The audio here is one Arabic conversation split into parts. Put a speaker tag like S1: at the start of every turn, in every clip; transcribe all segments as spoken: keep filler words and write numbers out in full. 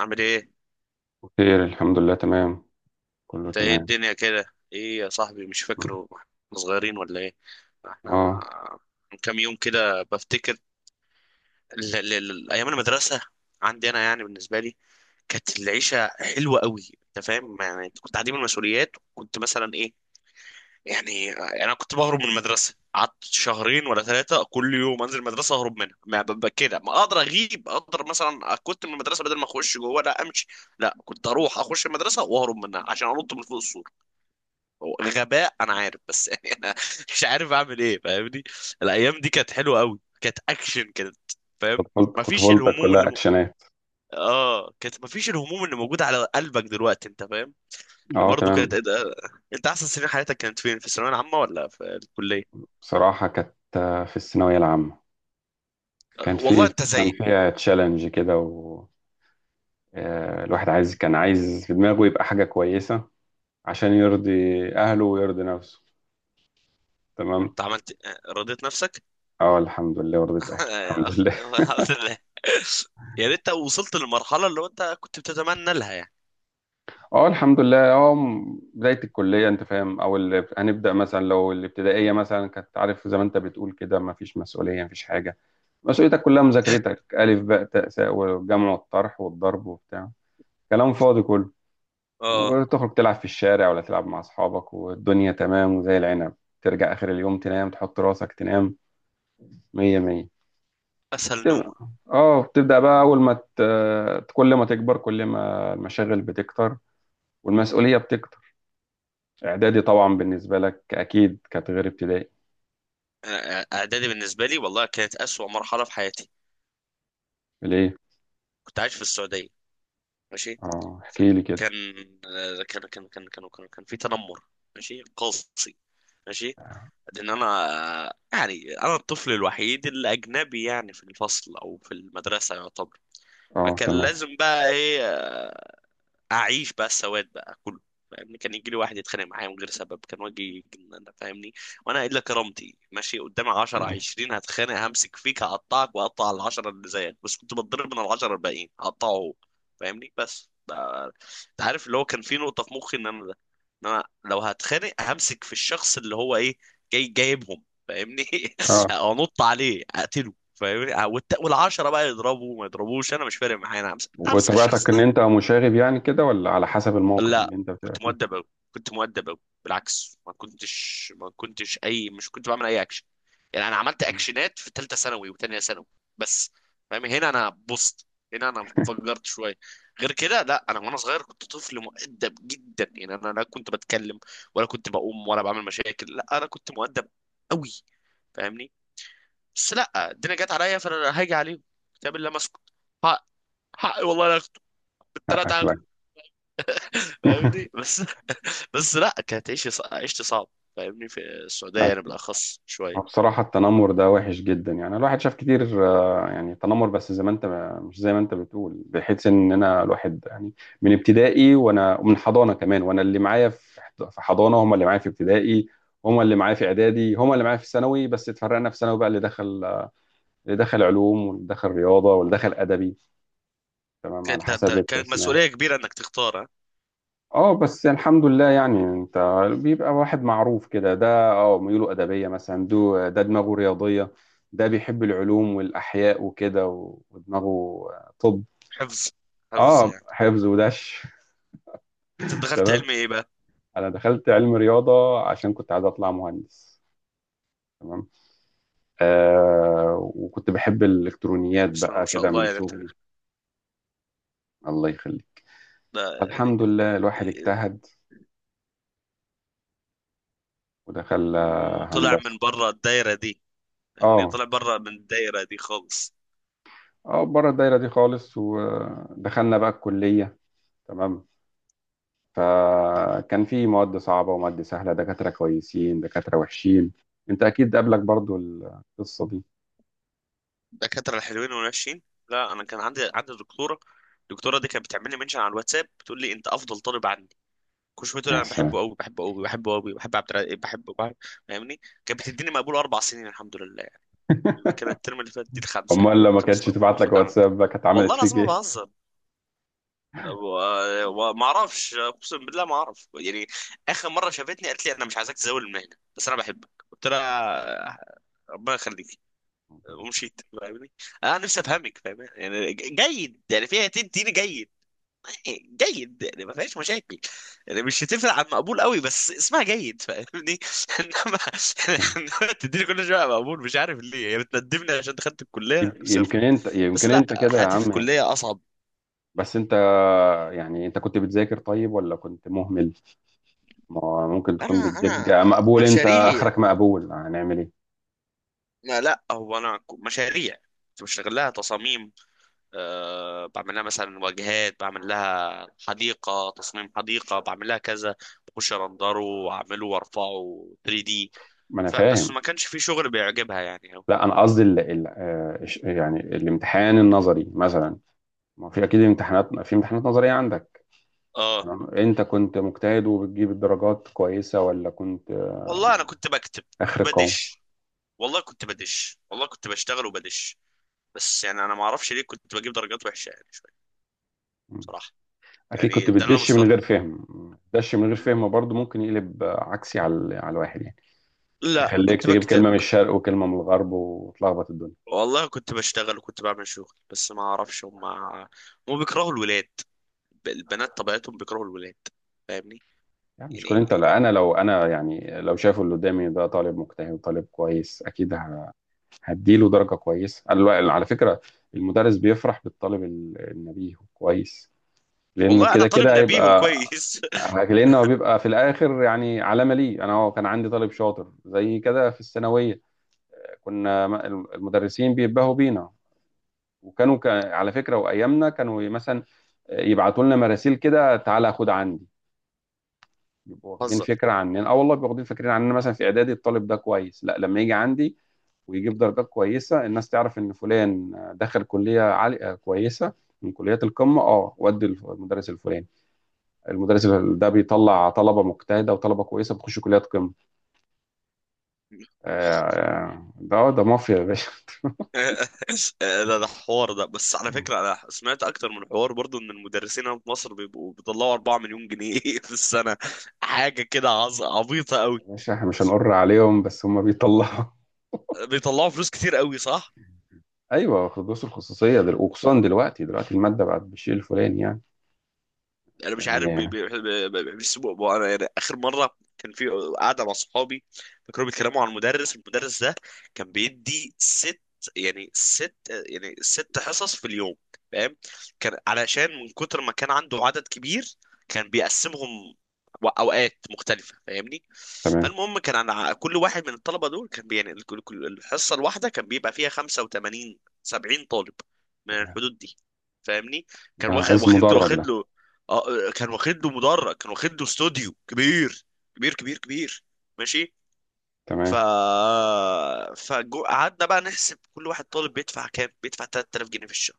S1: عامل ايه؟
S2: خير، الحمد لله، تمام. كله
S1: انت، ايه
S2: تمام.
S1: الدنيا كده؟ ايه يا صاحبي؟ مش فاكره احنا صغيرين ولا ايه؟ احنا
S2: اه،
S1: من كام يوم كده بفتكر ال- ال- ال- ايام المدرسه. عندي انا يعني بالنسبه لي كانت العيشه حلوه قوي، انت فاهم يعني، انت كنت عديم المسؤوليات، كنت مثلا ايه. يعني يعني انا كنت بهرب من المدرسه، قعدت شهرين ولا ثلاثه، كل يوم انزل المدرسه اهرب منها. ما ب- ب- كده ما اقدر اغيب، اقدر مثلا كنت من المدرسه بدل ما اخش جوه لا امشي. لا، كنت اروح اخش المدرسه واهرب منها عشان انط من فوق السور. هو غباء انا عارف، بس يعني انا مش عارف اعمل ايه فاهمني. الايام دي كانت حلوه قوي، كانت اكشن، كانت فاهم.
S2: طفولت-
S1: مفيش
S2: طفولتك
S1: الهموم اللي
S2: كلها
S1: م...
S2: اكشنات.
S1: اه، كانت مفيش الهموم اللي موجوده على قلبك دلوقتي، انت فاهم.
S2: اه،
S1: برضه كانت
S2: تمام.
S1: آه، انت احسن سنين حياتك كانت فين، في الثانويه العامه ولا في الكليه؟
S2: بصراحة كانت، آه، في الثانوية العامة.
S1: آه،
S2: كان
S1: والله
S2: في
S1: انت
S2: كان
S1: زي.
S2: فيها تشالنج كده. و آه، الواحد عايز كان عايز في دماغه يبقى حاجة كويسة عشان يرضي أهله ويرضي نفسه. تمام.
S1: انت عملت آه، رضيت نفسك؟
S2: اه، الحمد لله، رضيت أهلي، الحمد لله.
S1: الحمد لله. يا ريت وصلت للمرحله اللي هو انت كنت بتتمنى لها يعني.
S2: اه، الحمد لله. اه م- بداية الكلية، انت فاهم؟ او ال- هنبدأ مثلا، لو الابتدائية مثلا، كانت، عارف، زي ما انت بتقول كده، ما فيش مسؤولية، ما فيش حاجة. مسؤوليتك كلها مذاكرتك، ألف باء تاء ساء، والجمع والطرح والضرب وبتاع، كلام فاضي كله.
S1: اه،
S2: وتخرج تلعب في الشارع ولا تلعب مع أصحابك، والدنيا تمام وزي العنب. ترجع آخر اليوم تنام، تحط راسك تنام. مية مية.
S1: اسهل
S2: تب-
S1: نومه.
S2: اه بتبدأ بقى. أول ما ت... كل ما تكبر، كل ما المشاغل بتكتر والمسؤولية بتكتر. إعدادي طبعا بالنسبة لك أكيد كانت غير ابتدائي.
S1: آه، اعدادي بالنسبه لي والله كانت اسوأ مرحله في حياتي.
S2: ليه؟
S1: كنت عايش في السعوديه. ماشي.
S2: اه، احكي لي كده.
S1: كان آه، كان كان كان كان كان, كان في تنمر. ماشي، قاسي. ماشي. لان انا آه، يعني انا الطفل الوحيد الاجنبي يعني في الفصل او في المدرسه يعتبر.
S2: اه،
S1: فكان
S2: تمام.
S1: لازم بقى ايه آه، اعيش بقى السواد بقى كله فاهمني. كان يجي لي واحد يتخانق معايا من غير سبب، كان واجي يجن- فاهمني. وانا الا كرامتي ماشي قدامي عشرة عشرين هتخانق، همسك فيك هقطعك واقطع العشرة اللي زيك، بس كنت بتضرب من العشرة الباقيين هقطعه هو فاهمني. بس ده انت عارف اللي هو كان في نقطة في مخي ان انا ده، ان انا لو هتخانق همسك في الشخص اللي هو ايه جاي جايبهم فاهمني.
S2: اه،
S1: انط عليه اقتله فاهمني، والت- والعشرة بقى يضربوا ما يضربوش، انا مش فارق معايا، انا همسك همسك الشخص.
S2: وطبيعتك ان انت مشاغب يعني كده، ولا على حسب الموقف اللي
S1: لا،
S2: انت بتبقى
S1: كنت
S2: فيه؟
S1: مؤدب أوي. كنت مؤدب أوي، بالعكس، ما كنتش ما كنتش أي، مش كنت بعمل أي أكشن. يعني أنا عملت
S2: مم.
S1: أكشنات في تالتة ثانوي وتانية ثانوي بس. فاهم؟ هنا أنا بوست، هنا أنا انفجرت شوية. غير كده لا، أنا وأنا صغير كنت طفل مؤدب جدا، يعني أنا لا كنت بتكلم ولا كنت بقوم ولا بعمل مشاكل، لا أنا كنت مؤدب أوي فاهمني. بس لا، الدنيا جت عليا فأنا هاجي عليهم، كتاب الله ما أسكت. حق، حق والله أنا هاخده، بالتلاتة
S2: حقك،
S1: هاخده
S2: لا.
S1: فاهمني بس. بس لا، كانت عيشة ص- عيشتي صعب فاهمني، في السعودية يعني بالأخص شوية.
S2: بصراحة التنمر ده وحش جدا، يعني الواحد شاف كتير، آه، يعني تنمر. بس زي ما انت مش زي ما انت بتقول، بحيث ان انا الواحد يعني من ابتدائي وانا، ومن حضانة كمان وانا، اللي معايا في في حضانة هم اللي معايا في ابتدائي، هم اللي معايا في اعدادي، هم اللي معايا في ثانوي. بس اتفرقنا في ثانوي بقى. اللي دخل، اللي دخل علوم، واللي دخل رياضة، واللي دخل ادبي، تمام، على
S1: انت انت
S2: حسب
S1: كان
S2: التقسيمات.
S1: مسؤولية كبيرة انك تختار، ها؟
S2: اه، بس الحمد لله. يعني انت بيبقى واحد معروف كده، ده اه ميوله ادبيه مثلا، ده ده دماغه رياضيه، ده بيحب العلوم والاحياء وكده، و- ودماغه. طب،
S1: حفظ، حفظ
S2: اه،
S1: يعني.
S2: حفظ ودش.
S1: انت دخلت
S2: تمام.
S1: علمي ايه بقى؟
S2: انا دخلت علم رياضه عشان كنت عايز اطلع مهندس. تمام. آه، وكنت بحب الالكترونيات
S1: يعني بسم الله ما
S2: بقى
S1: شاء
S2: كده
S1: الله،
S2: من
S1: يعني انت
S2: صغري. الله يخليك.
S1: ده يعني،
S2: الحمد لله، الواحد اجتهد ودخل، آه،
S1: وطلع
S2: هندسه.
S1: من بره الدايرة دي فاهمني،
S2: اه.
S1: طلع بره من الدايرة دي خالص.
S2: اه، بره الدايره دي خالص. ودخلنا بقى الكليه. تمام. فكان في مواد صعبه ومواد سهله، دكاتره كويسين، دكاتره وحشين. انت اكيد قابلك برضو القصه دي.
S1: الدكاترة الحلوين والوحشين. لا، انا كان عندي عندي دكتورة. الدكتورة دي كانت بتعمل لي منشن على الواتساب، بتقول لي انت افضل طالب. كشوفته
S2: يا
S1: انا بحبه
S2: سلام.
S1: قوي، بحبه قوي، بحبه قوي، بحب عبد الرقيق بحبه بحب- فاهمني. كانت بتديني مقبول اربع سنين، الحمد لله. كان الترم اللي فات دي الخمسه، يعني
S2: امال لما
S1: خمس
S2: كانتش
S1: مقبول
S2: تبعت لك
S1: باخدها عندي.
S2: واتساب بقى، كانت
S1: والله
S2: عملت فيك
S1: العظيم ما
S2: ايه؟
S1: بهزر، و- وما اعرفش، اقسم بالله ما اعرف يعني. اخر مره شافتني قالت لي انا مش عايزاك تزاول المهنه بس انا بحبك، قلت لها ربنا يخليك ومشيت فاهمني. انا نفسي افهمك فاهمني، يعني جيد يعني، فيها تديني جيد. جيد يعني ما فيهاش مشاكل، يعني مش هتفرق عن مقبول قوي بس اسمها جيد فاهمني. انما انما تديني كل شويه مقبول، مش عارف ليه، هي بتندمني عشان دخلت الكليه،
S2: يمكن
S1: نفسي
S2: يمكن
S1: افهم.
S2: انت
S1: بس
S2: يمكن
S1: لا،
S2: انت كده يا
S1: حياتي في
S2: عم.
S1: الكليه اصعب.
S2: بس انت، يعني انت كنت بتذاكر طيب ولا كنت مهمل؟ ما ممكن
S1: انا
S2: تكون
S1: انا
S2: بتذاكر مقبول، انت
S1: مشاريع.
S2: اخرك مقبول، هنعمل ايه؟
S1: لا لا، هو انا ك- مشاريع، كنت بشتغل لها تصاميم. أه، بعمل لها مثلا واجهات، بعمل لها حديقه، تصميم حديقه، بعمل لها كذا، بخش ارندره واعمله وارفعه ثري دي.
S2: ما انا
S1: فبس
S2: فاهم.
S1: ما كانش في شغل بيعجبها يعني أوي.
S2: لا، انا قصدي ال... ال... آه، إش- يعني الامتحان النظري مثلا، ما في اكيد امتحانات، في امتحانات نظريه عندك.
S1: اه،
S2: تمام، انت كنت مجتهد وبتجيب الدرجات كويسه، ولا كنت آه،
S1: والله انا كنت بكتب،
S2: اخر القوم؟
S1: بدش. والله كنت بدش، والله كنت بشتغل وبدش، بس يعني انا ما اعرفش ليه كنت بجيب درجات وحشه يعني شويه،
S2: مم.
S1: بصراحه.
S2: اكيد كنت
S1: يعني ده اللي انا
S2: بتدش من
S1: مستغرب.
S2: غير فهم. دش من غير فهم برضه ممكن يقلب، آه، عكسي، على ال- على الواحد يعني.
S1: لا،
S2: يخليك
S1: كنت
S2: تجيب
S1: بكتب،
S2: كلمه من الشرق وكلمه من الغرب وتلخبط الدنيا.
S1: والله كنت بشتغل وكنت بعمل شغل، بس ما اعرفش هم. هم بيكرهوا الولاد، ب- البنات طبيعتهم بيكرهوا الولاد فاهمني.
S2: يعني مش كل
S1: يعني
S2: انت. لا انا، لو انا يعني، لو شايفه اللي قدامي ده طالب مجتهد وطالب كويس، اكيد ه- هديله درجه كويسه، على على فكره. المدرس بيفرح بالطالب ال- النبيه كويس، لانه
S1: والله انا
S2: كده
S1: طالب
S2: كده
S1: نبيه
S2: هيبقى.
S1: وكويس.
S2: لانه هو بيبقى في الاخر يعني علامه ليه. انا هو كان عندي طالب شاطر زي كده في الثانويه. كنا م- المدرسين بينبهوا بينا، وكانوا، ك- على فكره وايامنا، كانوا مثلا يبعتوا لنا مراسيل كده، تعالى خد عندي. بيبقوا واخدين
S1: هزر.
S2: فكره عننا، اه، والله بيبقوا واخدين فكرين عننا. مثلا في اعدادي الطالب ده كويس، لا، لما يجي عندي ويجيب درجات كويسه، الناس تعرف ان فلان دخل كليه عاليه، آه، كويس، من كليات القمه. اه، ودي الف- المدرس الفلاني. المدرس ده بيطلع طلبه مجتهده وطلبه كويسه بتخش كليات قمه. آه، آه، ده ده مافيا يا باشا.
S1: ده ده حوار. ده بس على فكرة أنا سمعت أكتر من حوار برضو إن المدرسين هنا في مصر بيبقوا بيطلعوا اربعة مليون جنيه في السنة، حاجة كده عظ- عبيطة أوي.
S2: يا باشا، احنا مش هنقر عليهم، بس هم بيطلعوا.
S1: بيطلعوا فلوس كتير أوي، صح؟
S2: ايوه، دروس الخصوصيه، دل... وخصوصا دلوقتي دلوقتي الماده بقت بالشيء الفلاني يعني
S1: انا مش عارف بي-
S2: يعني
S1: بي- بي- بي- بيسموا بو- انا يعني اخر مره كان في قاعده مع صحابي، فكانوا بيتكلموا عن مدرس المدرس ده، كان بيدي ست يعني ست يعني ست حصص في اليوم فاهم، كان علشان من كتر ما كان عنده عدد كبير كان بيقسمهم و- اوقات مختلفه فاهمني.
S2: تمام.
S1: فالمهم كان على كل واحد من الطلبه دول كان بي- يعني الكل- كل- الحصه الواحده كان بيبقى فيها خمسة وتمانين سبعين طالب، من الحدود دي فاهمني.
S2: ده
S1: كان واخد
S2: عايز
S1: واخد له
S2: مدرج
S1: واخد
S2: ده.
S1: له اه كان واخد له مدرج، كان واخد له استوديو كبير، كبير كبير كبير. ماشي. ف
S2: تمام.
S1: فقعدنا بقى نحسب كل واحد طالب بيدفع كام، بيدفع تلات الاف جنيه في الشهر،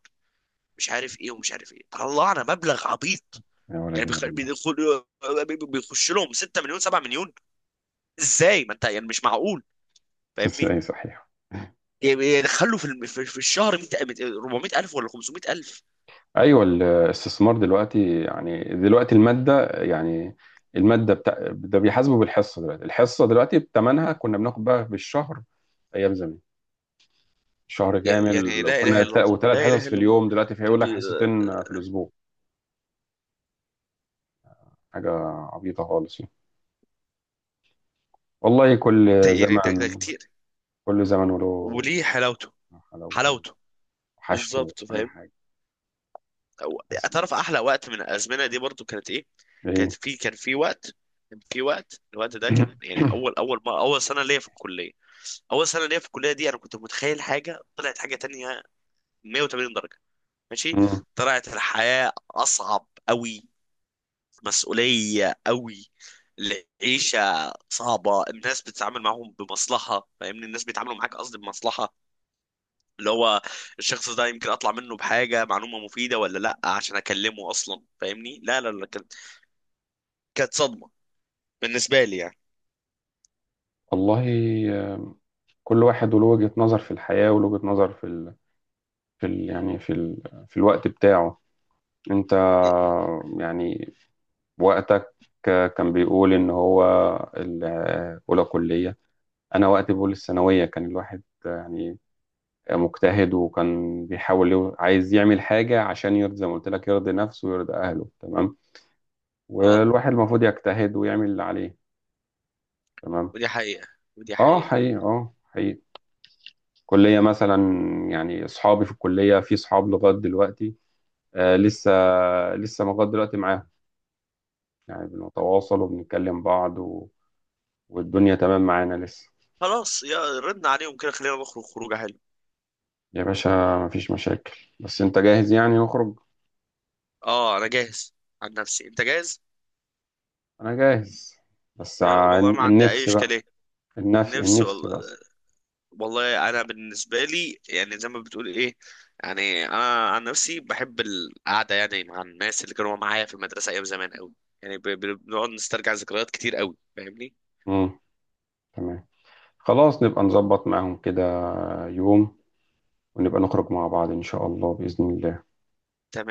S1: مش عارف ايه ومش عارف ايه، طلعنا مبلغ عبيط.
S2: يا ولد
S1: يعني بيخ...
S2: الذين.
S1: بيدخل، بيخش لهم ستة مليون سبعة مليون. ازاي، ما انت يعني مش معقول فاهمني.
S2: اي صحيح.
S1: يعني يدخلوا في الم... في في الشهر مئة، اربعمية الف ولا خمسمية الف.
S2: ايوه، الاستثمار دلوقتي، يعني دلوقتي الماده يعني، الماده بتاع ده بيحاسبه بالحصه. دلوقتي الحصه دلوقتي بثمنها، كنا بناخد بقى بالشهر ايام زمان، شهر
S1: يعني
S2: كامل،
S1: لا اله
S2: وكنا
S1: الا الله،
S2: وثلاث
S1: لا
S2: حصص
S1: اله
S2: في
S1: الا الله.
S2: اليوم. دلوقتي في
S1: يعني
S2: يقول لك
S1: بي...
S2: حصتين في الاسبوع. حاجه عبيطه خالص يعني. والله كل
S1: انت يعني ده ده
S2: زمن
S1: كتير،
S2: كل زمن وله
S1: وليه حلاوته،
S2: حلاوته، وله
S1: حلاوته
S2: وحشته،
S1: بالظبط
S2: وكل
S1: فاهم.
S2: حاجه.
S1: أو-
S2: بس
S1: تعرف احلى وقت من الازمنه دي برضو كانت ايه؟ كانت
S2: ايه.
S1: في كان في وقت كان في وقت الوقت ده، كان يعني اول اول ما اول سنه ليا في الكليه، اول سنه ليا في الكليه دي انا كنت متخيل حاجه، طلعت حاجه تانية مية وتمانين درجه. ماشي. طلعت الحياه اصعب قوي، مسؤوليه قوي، العيشه صعبه، الناس بتتعامل معاهم بمصلحه فاهمني، الناس بيتعاملوا معاك، قصدي بمصلحه، اللي هو الشخص ده يمكن اطلع منه بحاجه معلومه مفيده ولا لا عشان اكلمه اصلا فاهمني. لا لا لا، كانت، كانت صدمه بالنسبه لي يعني.
S2: والله آه، كل واحد وله وجهة نظر في الحياة، وله وجهة نظر في ال... في ال... يعني في ال... في الوقت بتاعه. انت يعني وقتك كان بيقول ان هو الاولى كلية. انا وقتي بقول الثانوية. كان الواحد يعني مجتهد، وكان بيحاول يو- عايز يعمل حاجة عشان يرضي، زي ما قلت لك، يرضي نفسه ويرضي اهله. تمام.
S1: اه،
S2: والواحد المفروض يجتهد ويعمل اللي عليه. تمام.
S1: ودي حقيقه، ودي
S2: اه،
S1: حقيقه.
S2: حقيقي، اه، حقيقي. كلية مثلا، يعني أصحابي في الكلية، في أصحاب لغاية دلوقتي، آه، لسه لسه لغاية دلوقتي معاهم، يعني بنتواصل وبنتكلم بعض، و... والدنيا تمام معانا لسه.
S1: خلاص يا ردنا عليهم كده، خلينا نخرج خروجه حلوه.
S2: يا باشا، مفيش مشاكل. بس أنت جاهز يعني نخرج؟
S1: اه انا جاهز. عن نفسي، انت جاهز؟
S2: أنا جاهز. بس
S1: يا والله
S2: عن-
S1: ما عندي اي
S2: النفس بقى.
S1: اشكاليه،
S2: النفس
S1: نفسي
S2: النفس
S1: والله.
S2: بس.
S1: والله انا بالنسبه لي يعني زي ما بتقول ايه، يعني انا عن نفسي بحب القعده يعني مع الناس اللي كانوا معايا في المدرسه ايام زمان قوي، يعني ب- ب- بنقعد نسترجع ذكريات كتير قوي فاهمني.
S2: مم. تمام. خلاص، نبقى نظبط معاهم كده، يوم، ونبقى نخرج مع بعض إن شاء الله، بإذن الله.
S1: تمام.